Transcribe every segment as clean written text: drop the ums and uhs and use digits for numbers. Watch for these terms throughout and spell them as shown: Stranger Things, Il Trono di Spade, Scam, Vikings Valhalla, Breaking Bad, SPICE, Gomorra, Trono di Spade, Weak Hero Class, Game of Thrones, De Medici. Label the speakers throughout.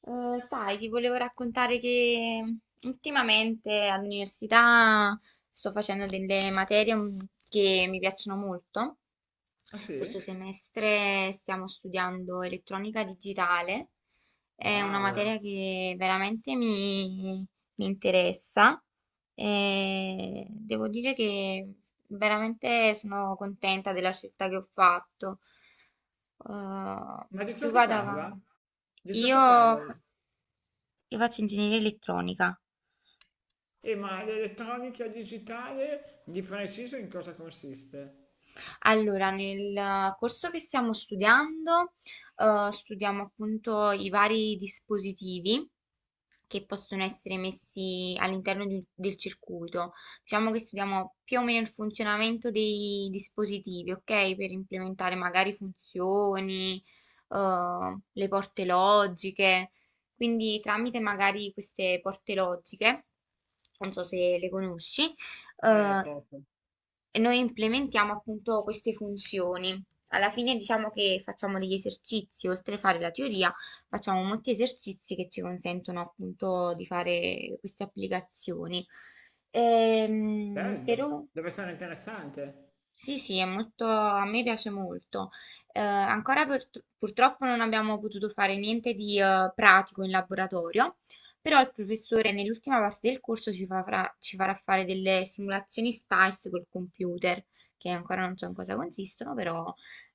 Speaker 1: Sai, ti volevo raccontare che ultimamente all'università sto facendo delle materie che mi piacciono molto.
Speaker 2: Ah,
Speaker 1: Questo
Speaker 2: sì?
Speaker 1: semestre stiamo studiando elettronica digitale, è una
Speaker 2: Wow!
Speaker 1: materia che veramente mi interessa e devo dire che veramente sono contenta della scelta che ho fatto. Eh,
Speaker 2: Ma di
Speaker 1: Più
Speaker 2: cosa
Speaker 1: vado
Speaker 2: parla?
Speaker 1: avanti.
Speaker 2: Di cosa
Speaker 1: Io
Speaker 2: parla?
Speaker 1: io faccio ingegneria elettronica.
Speaker 2: E ma l'elettronica digitale di preciso in cosa consiste?
Speaker 1: Allora, nel corso che stiamo studiando, studiamo appunto i vari dispositivi che possono essere messi all'interno del circuito. Diciamo che studiamo più o meno il funzionamento dei dispositivi, ok? Per implementare magari funzioni, le porte logiche. Quindi tramite magari queste porte logiche, non so se le conosci, eh,
Speaker 2: Poco.
Speaker 1: e noi implementiamo appunto queste funzioni. Alla fine diciamo che facciamo degli esercizi, oltre a fare la teoria, facciamo molti esercizi che ci consentono appunto di fare queste applicazioni.
Speaker 2: Bello.
Speaker 1: Però
Speaker 2: Deve essere
Speaker 1: sì.
Speaker 2: interessante.
Speaker 1: Sì, sì, è molto, a me piace molto. Ancora purtroppo non abbiamo potuto fare niente di pratico in laboratorio, però il professore nell'ultima parte del corso ci farà fare delle simulazioni SPICE col computer, che ancora non so in cosa consistono, però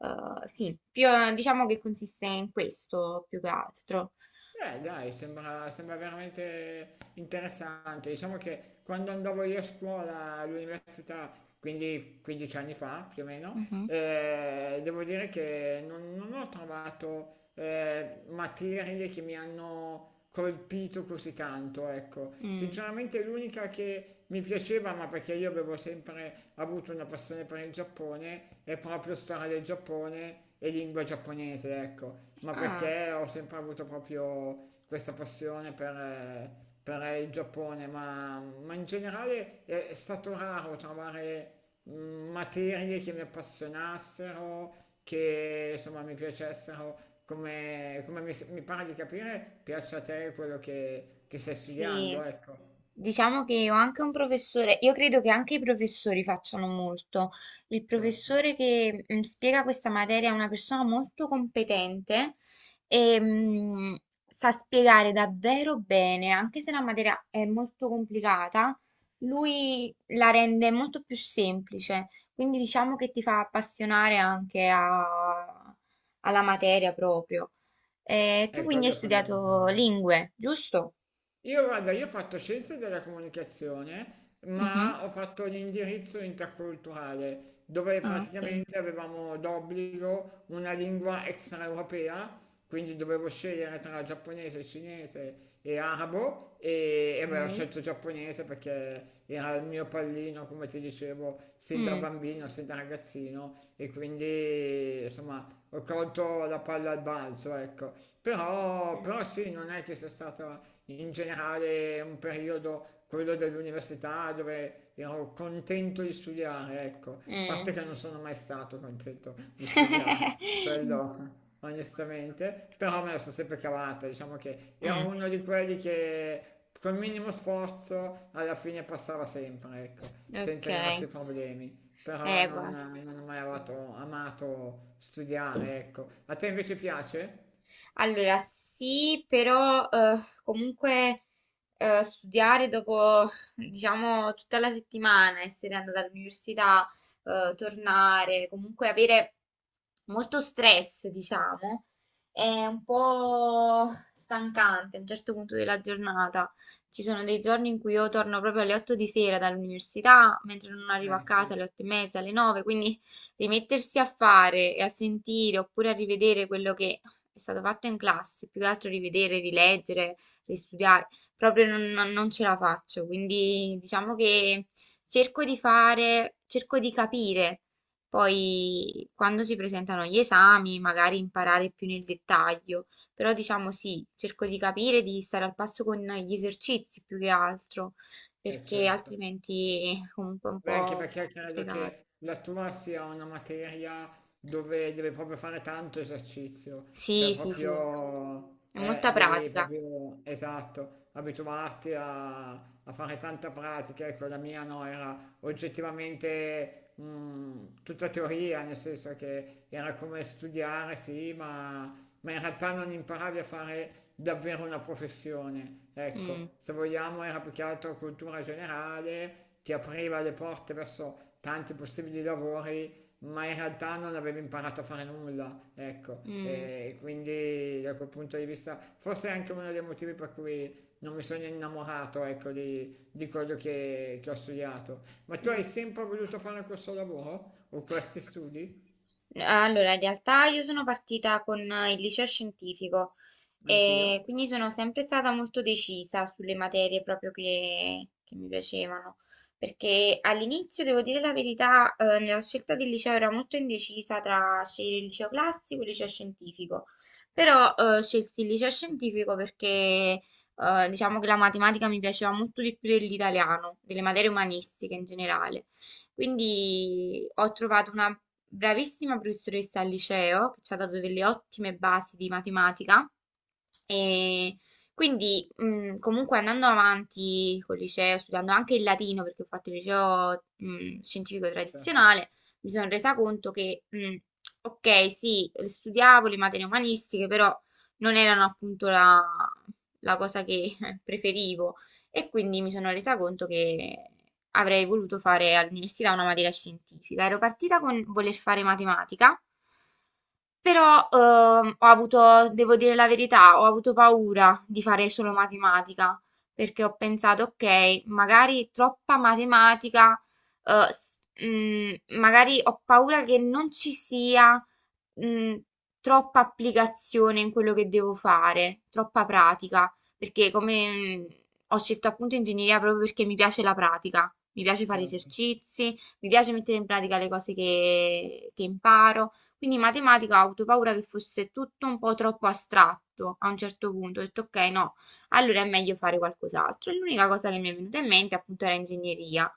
Speaker 1: sì, diciamo che consiste in questo più che altro.
Speaker 2: Dai, sembra, sembra veramente interessante. Diciamo che quando andavo io a scuola all'università, quindi 15 anni fa più o meno,
Speaker 1: Mhm.
Speaker 2: devo dire che non ho trovato materie che mi hanno colpito così tanto, ecco.
Speaker 1: Mm.
Speaker 2: Sinceramente l'unica che mi piaceva, ma perché io avevo sempre avuto una passione per il Giappone, è proprio storia del Giappone e lingua giapponese, ecco. Ma
Speaker 1: Ah.
Speaker 2: perché ho sempre avuto proprio questa passione per il Giappone, ma in generale è stato raro trovare materie che mi appassionassero, che insomma mi piacessero, come, come mi pare di capire, piace a te quello che stai
Speaker 1: Sì,
Speaker 2: studiando, ecco,
Speaker 1: diciamo che ho anche un professore, io credo che anche i professori facciano molto. Il
Speaker 2: certo,
Speaker 1: professore che spiega questa materia è una persona molto competente e sa spiegare davvero bene, anche se la materia è molto complicata, lui la rende molto più semplice, quindi diciamo che ti fa appassionare anche alla materia proprio. Tu
Speaker 2: è
Speaker 1: quindi
Speaker 2: quello
Speaker 1: hai
Speaker 2: è
Speaker 1: studiato
Speaker 2: fondamentale.
Speaker 1: lingue, giusto?
Speaker 2: Io guarda, io ho fatto scienze della comunicazione,
Speaker 1: Mhm.
Speaker 2: ma ho fatto l'indirizzo interculturale, dove
Speaker 1: Ah, ok.
Speaker 2: praticamente avevamo d'obbligo una lingua extraeuropea, quindi dovevo scegliere tra giapponese, cinese e arabo e beh, ho
Speaker 1: Ok.
Speaker 2: scelto giapponese perché era il mio pallino, come ti dicevo, sin da
Speaker 1: Mm,
Speaker 2: bambino, sin da ragazzino e quindi insomma ho colto la palla al balzo, ecco. Però,
Speaker 1: ok.
Speaker 2: però sì, non è che sia stata in generale è un periodo, quello dell'università, dove ero contento di studiare, ecco, a parte
Speaker 1: Mm.
Speaker 2: che non sono mai stato contento di studiare, quello onestamente, però me la sono sempre cavata, diciamo che ero
Speaker 1: Mm,
Speaker 2: uno di quelli che col minimo sforzo alla fine passava sempre, ecco,
Speaker 1: ok.
Speaker 2: senza grossi problemi. Però
Speaker 1: Equa.
Speaker 2: non ho mai amato, amato studiare, ecco. A te invece piace?
Speaker 1: Allora, sì, però comunque studiare dopo, diciamo, tutta la settimana, essere andata all'università, tornare, comunque avere molto stress, diciamo, è un po' stancante a un certo punto della giornata. Ci sono dei giorni in cui io torno proprio alle 8 di sera dall'università, mentre non arrivo a
Speaker 2: Eh sì,
Speaker 1: casa alle 8 e mezza, alle 9, quindi rimettersi a fare e a sentire oppure a rivedere quello che è stato fatto in classe, più che altro rivedere, rileggere, ristudiare, proprio non ce la faccio, quindi diciamo che cerco di capire, poi quando si presentano gli esami magari imparare più nel dettaglio, però diciamo sì, cerco di capire, di stare al passo con gli esercizi più che altro,
Speaker 2: eh
Speaker 1: perché
Speaker 2: certo.
Speaker 1: altrimenti è comunque un
Speaker 2: Beh, anche
Speaker 1: po'
Speaker 2: perché credo
Speaker 1: complicato.
Speaker 2: che la tua sia una materia dove devi proprio fare tanto esercizio, cioè
Speaker 1: Sì, sì, sì,
Speaker 2: proprio,
Speaker 1: è molta
Speaker 2: devi
Speaker 1: pratica.
Speaker 2: proprio, esatto, abituarti a, a fare tanta pratica. Ecco, la mia no, era oggettivamente tutta teoria, nel senso che era come studiare, sì, ma in realtà non imparavi a fare davvero una professione.
Speaker 1: Mm,
Speaker 2: Ecco, se vogliamo era più che altro cultura generale che apriva le porte verso tanti possibili lavori, ma in realtà non aveva imparato a fare nulla, ecco,
Speaker 1: mm,
Speaker 2: e quindi da quel punto di vista forse è anche uno dei motivi per cui non mi sono innamorato, ecco, di quello che ho studiato. Ma tu hai
Speaker 1: mm.
Speaker 2: sempre voluto fare questo lavoro o questi studi?
Speaker 1: Allora, in realtà io sono partita con il liceo scientifico, e
Speaker 2: Anch'io?
Speaker 1: quindi sono sempre stata molto decisa sulle materie proprio che mi piacevano, perché all'inizio, devo dire la verità, nella scelta del liceo ero molto indecisa tra scegliere il liceo classico e il liceo scientifico, però scelsi il liceo scientifico perché diciamo che la matematica mi piaceva molto di più dell'italiano, delle materie umanistiche in generale. Quindi ho trovato una bravissima professoressa al liceo che ci ha dato delle ottime basi di matematica e quindi, comunque andando avanti col liceo, studiando anche il latino, perché ho fatto il liceo, scientifico
Speaker 2: Certo,
Speaker 1: tradizionale, mi sono resa conto che, ok, sì, studiavo le materie umanistiche, però non erano appunto la cosa che preferivo. E quindi mi sono resa conto che avrei voluto fare all'università una materia scientifica. Ero partita con voler fare matematica. Però ho avuto, devo dire la verità, ho avuto paura di fare solo matematica, perché ho pensato, ok, magari troppa matematica, eh, s- mm, magari ho paura che non ci sia mm, troppa applicazione in quello che devo fare, troppa pratica, perché come mm, ho scelto appunto ingegneria proprio perché mi piace la pratica, mi piace fare
Speaker 2: certo.
Speaker 1: esercizi, mi piace mettere in pratica le cose che imparo. Quindi in matematica ho avuto paura che fosse tutto un po' troppo astratto a un certo punto. Ho detto ok, no, allora è meglio fare qualcos'altro. E l'unica cosa che mi è venuta in mente appunto era ingegneria.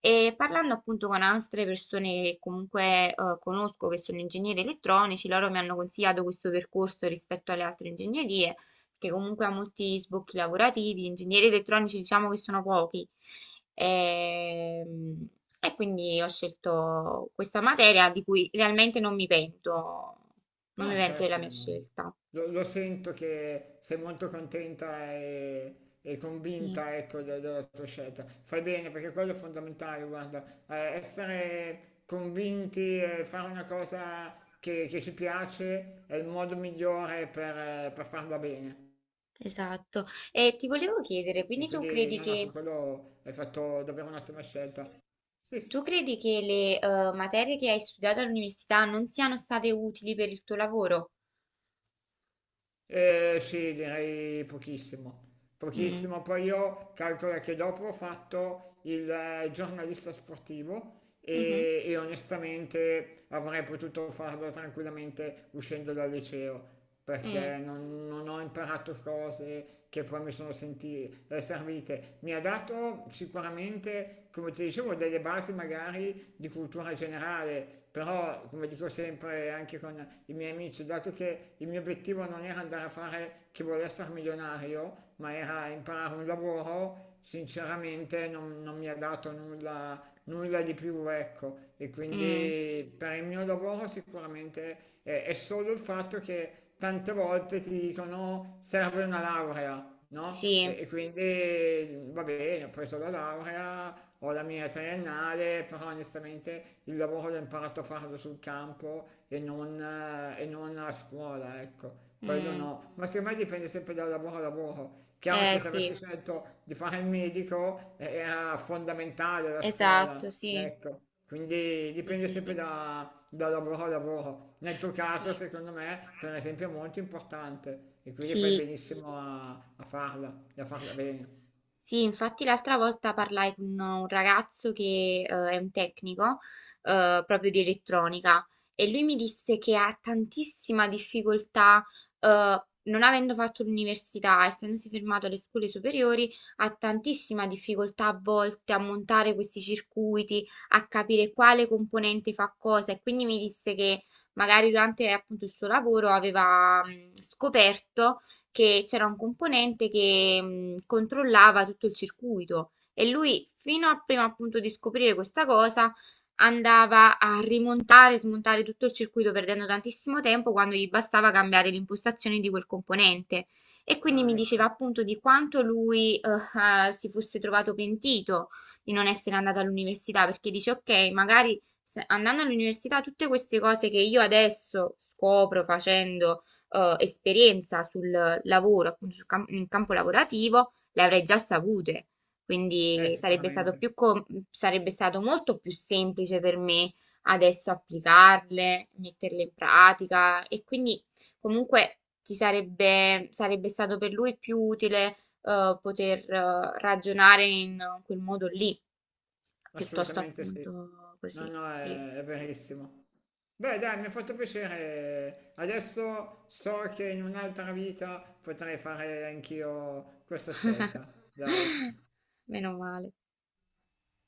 Speaker 1: E parlando appunto con altre persone che comunque conosco che sono ingegneri elettronici, loro mi hanno consigliato questo percorso rispetto alle altre ingegnerie che comunque ha molti sbocchi lavorativi, ingegneri elettronici diciamo che sono pochi. Ehm, e quindi ho scelto questa materia di cui realmente non mi
Speaker 2: No,
Speaker 1: pento della
Speaker 2: certo,
Speaker 1: mia
Speaker 2: no.
Speaker 1: scelta.
Speaker 2: Lo, lo sento che sei molto contenta e
Speaker 1: Sì,
Speaker 2: convinta, ecco, de- della tua scelta. Fai bene perché quello è fondamentale, guarda. Essere convinti e fare una cosa che ci piace è il modo migliore per farla bene.
Speaker 1: esatto. E ti volevo chiedere,
Speaker 2: E
Speaker 1: quindi
Speaker 2: quindi, no, no, su quello hai fatto davvero un'ottima scelta. Sì.
Speaker 1: tu credi che le materie che hai studiato all'università non siano state utili per il tuo lavoro?
Speaker 2: Sì, direi pochissimo.
Speaker 1: Mm,
Speaker 2: Pochissimo. Poi io calcolo che dopo ho fatto il giornalista sportivo
Speaker 1: mhm,
Speaker 2: e onestamente avrei potuto farlo tranquillamente uscendo dal liceo
Speaker 1: mm,
Speaker 2: perché non ho imparato cose che poi mi sono senti- servite. Mi ha dato sicuramente, come ti dicevo, delle basi magari di cultura generale, però come dico sempre anche con i miei amici, dato che il mio obiettivo non era andare a fare chi vuole essere milionario, ma era imparare un lavoro, sinceramente non mi ha dato nulla nulla di più, ecco. E
Speaker 1: mm,
Speaker 2: quindi per il mio lavoro sicuramente è solo il fatto che tante volte ti dicono serve una laurea, no?
Speaker 1: sì,
Speaker 2: E quindi va bene, ho preso la laurea, ho la mia triennale, però onestamente il lavoro l'ho imparato a farlo sul campo e non a scuola, ecco. Quello
Speaker 1: mm,
Speaker 2: no, ma secondo me dipende sempre dal lavoro a lavoro. Chiaro
Speaker 1: eh
Speaker 2: che se
Speaker 1: sì.
Speaker 2: avessi scelto di fare il medico era fondamentale la
Speaker 1: Esatto,
Speaker 2: scuola,
Speaker 1: sì.
Speaker 2: ecco. Quindi
Speaker 1: Sì,
Speaker 2: dipende
Speaker 1: sì,
Speaker 2: sempre
Speaker 1: sì.
Speaker 2: da, da lavoro a lavoro. Nel tuo
Speaker 1: Sì,
Speaker 2: caso, secondo me, per esempio, è molto importante e quindi fai
Speaker 1: sì,
Speaker 2: benissimo a, a farla e a farla bene.
Speaker 1: sì, infatti l'altra volta parlai con un ragazzo che è un tecnico proprio di elettronica e lui mi disse che ha tantissima difficoltà, eh, non avendo fatto l'università, essendosi fermato alle scuole superiori, ha tantissima difficoltà a volte a montare questi circuiti, a capire quale componente fa cosa e quindi mi disse che magari durante appunto il suo lavoro aveva scoperto che c'era un componente che controllava tutto il circuito e lui, fino a prima appunto di scoprire questa cosa, andava a rimontare e smontare tutto il circuito perdendo tantissimo tempo quando gli bastava cambiare l'impostazione di quel componente. E quindi mi
Speaker 2: Ah,
Speaker 1: diceva
Speaker 2: ecco.
Speaker 1: appunto di quanto lui si fosse trovato pentito di non essere andato all'università, perché dice, ok, magari andando all'università tutte queste cose che io adesso scopro facendo esperienza sul lavoro, appunto sul in campo lavorativo, le avrei già sapute. Quindi sarebbe stato
Speaker 2: Sicuramente.
Speaker 1: più sarebbe stato molto più semplice per me adesso applicarle, metterle in pratica e quindi comunque sarebbe stato per lui più utile poter ragionare in quel modo lì, piuttosto
Speaker 2: Assolutamente sì.
Speaker 1: appunto
Speaker 2: No,
Speaker 1: così,
Speaker 2: no,
Speaker 1: sì.
Speaker 2: è verissimo. Beh, dai, mi ha fatto piacere. Adesso so che in un'altra vita potrei fare anch'io questa scelta. Dai.
Speaker 1: Meno male.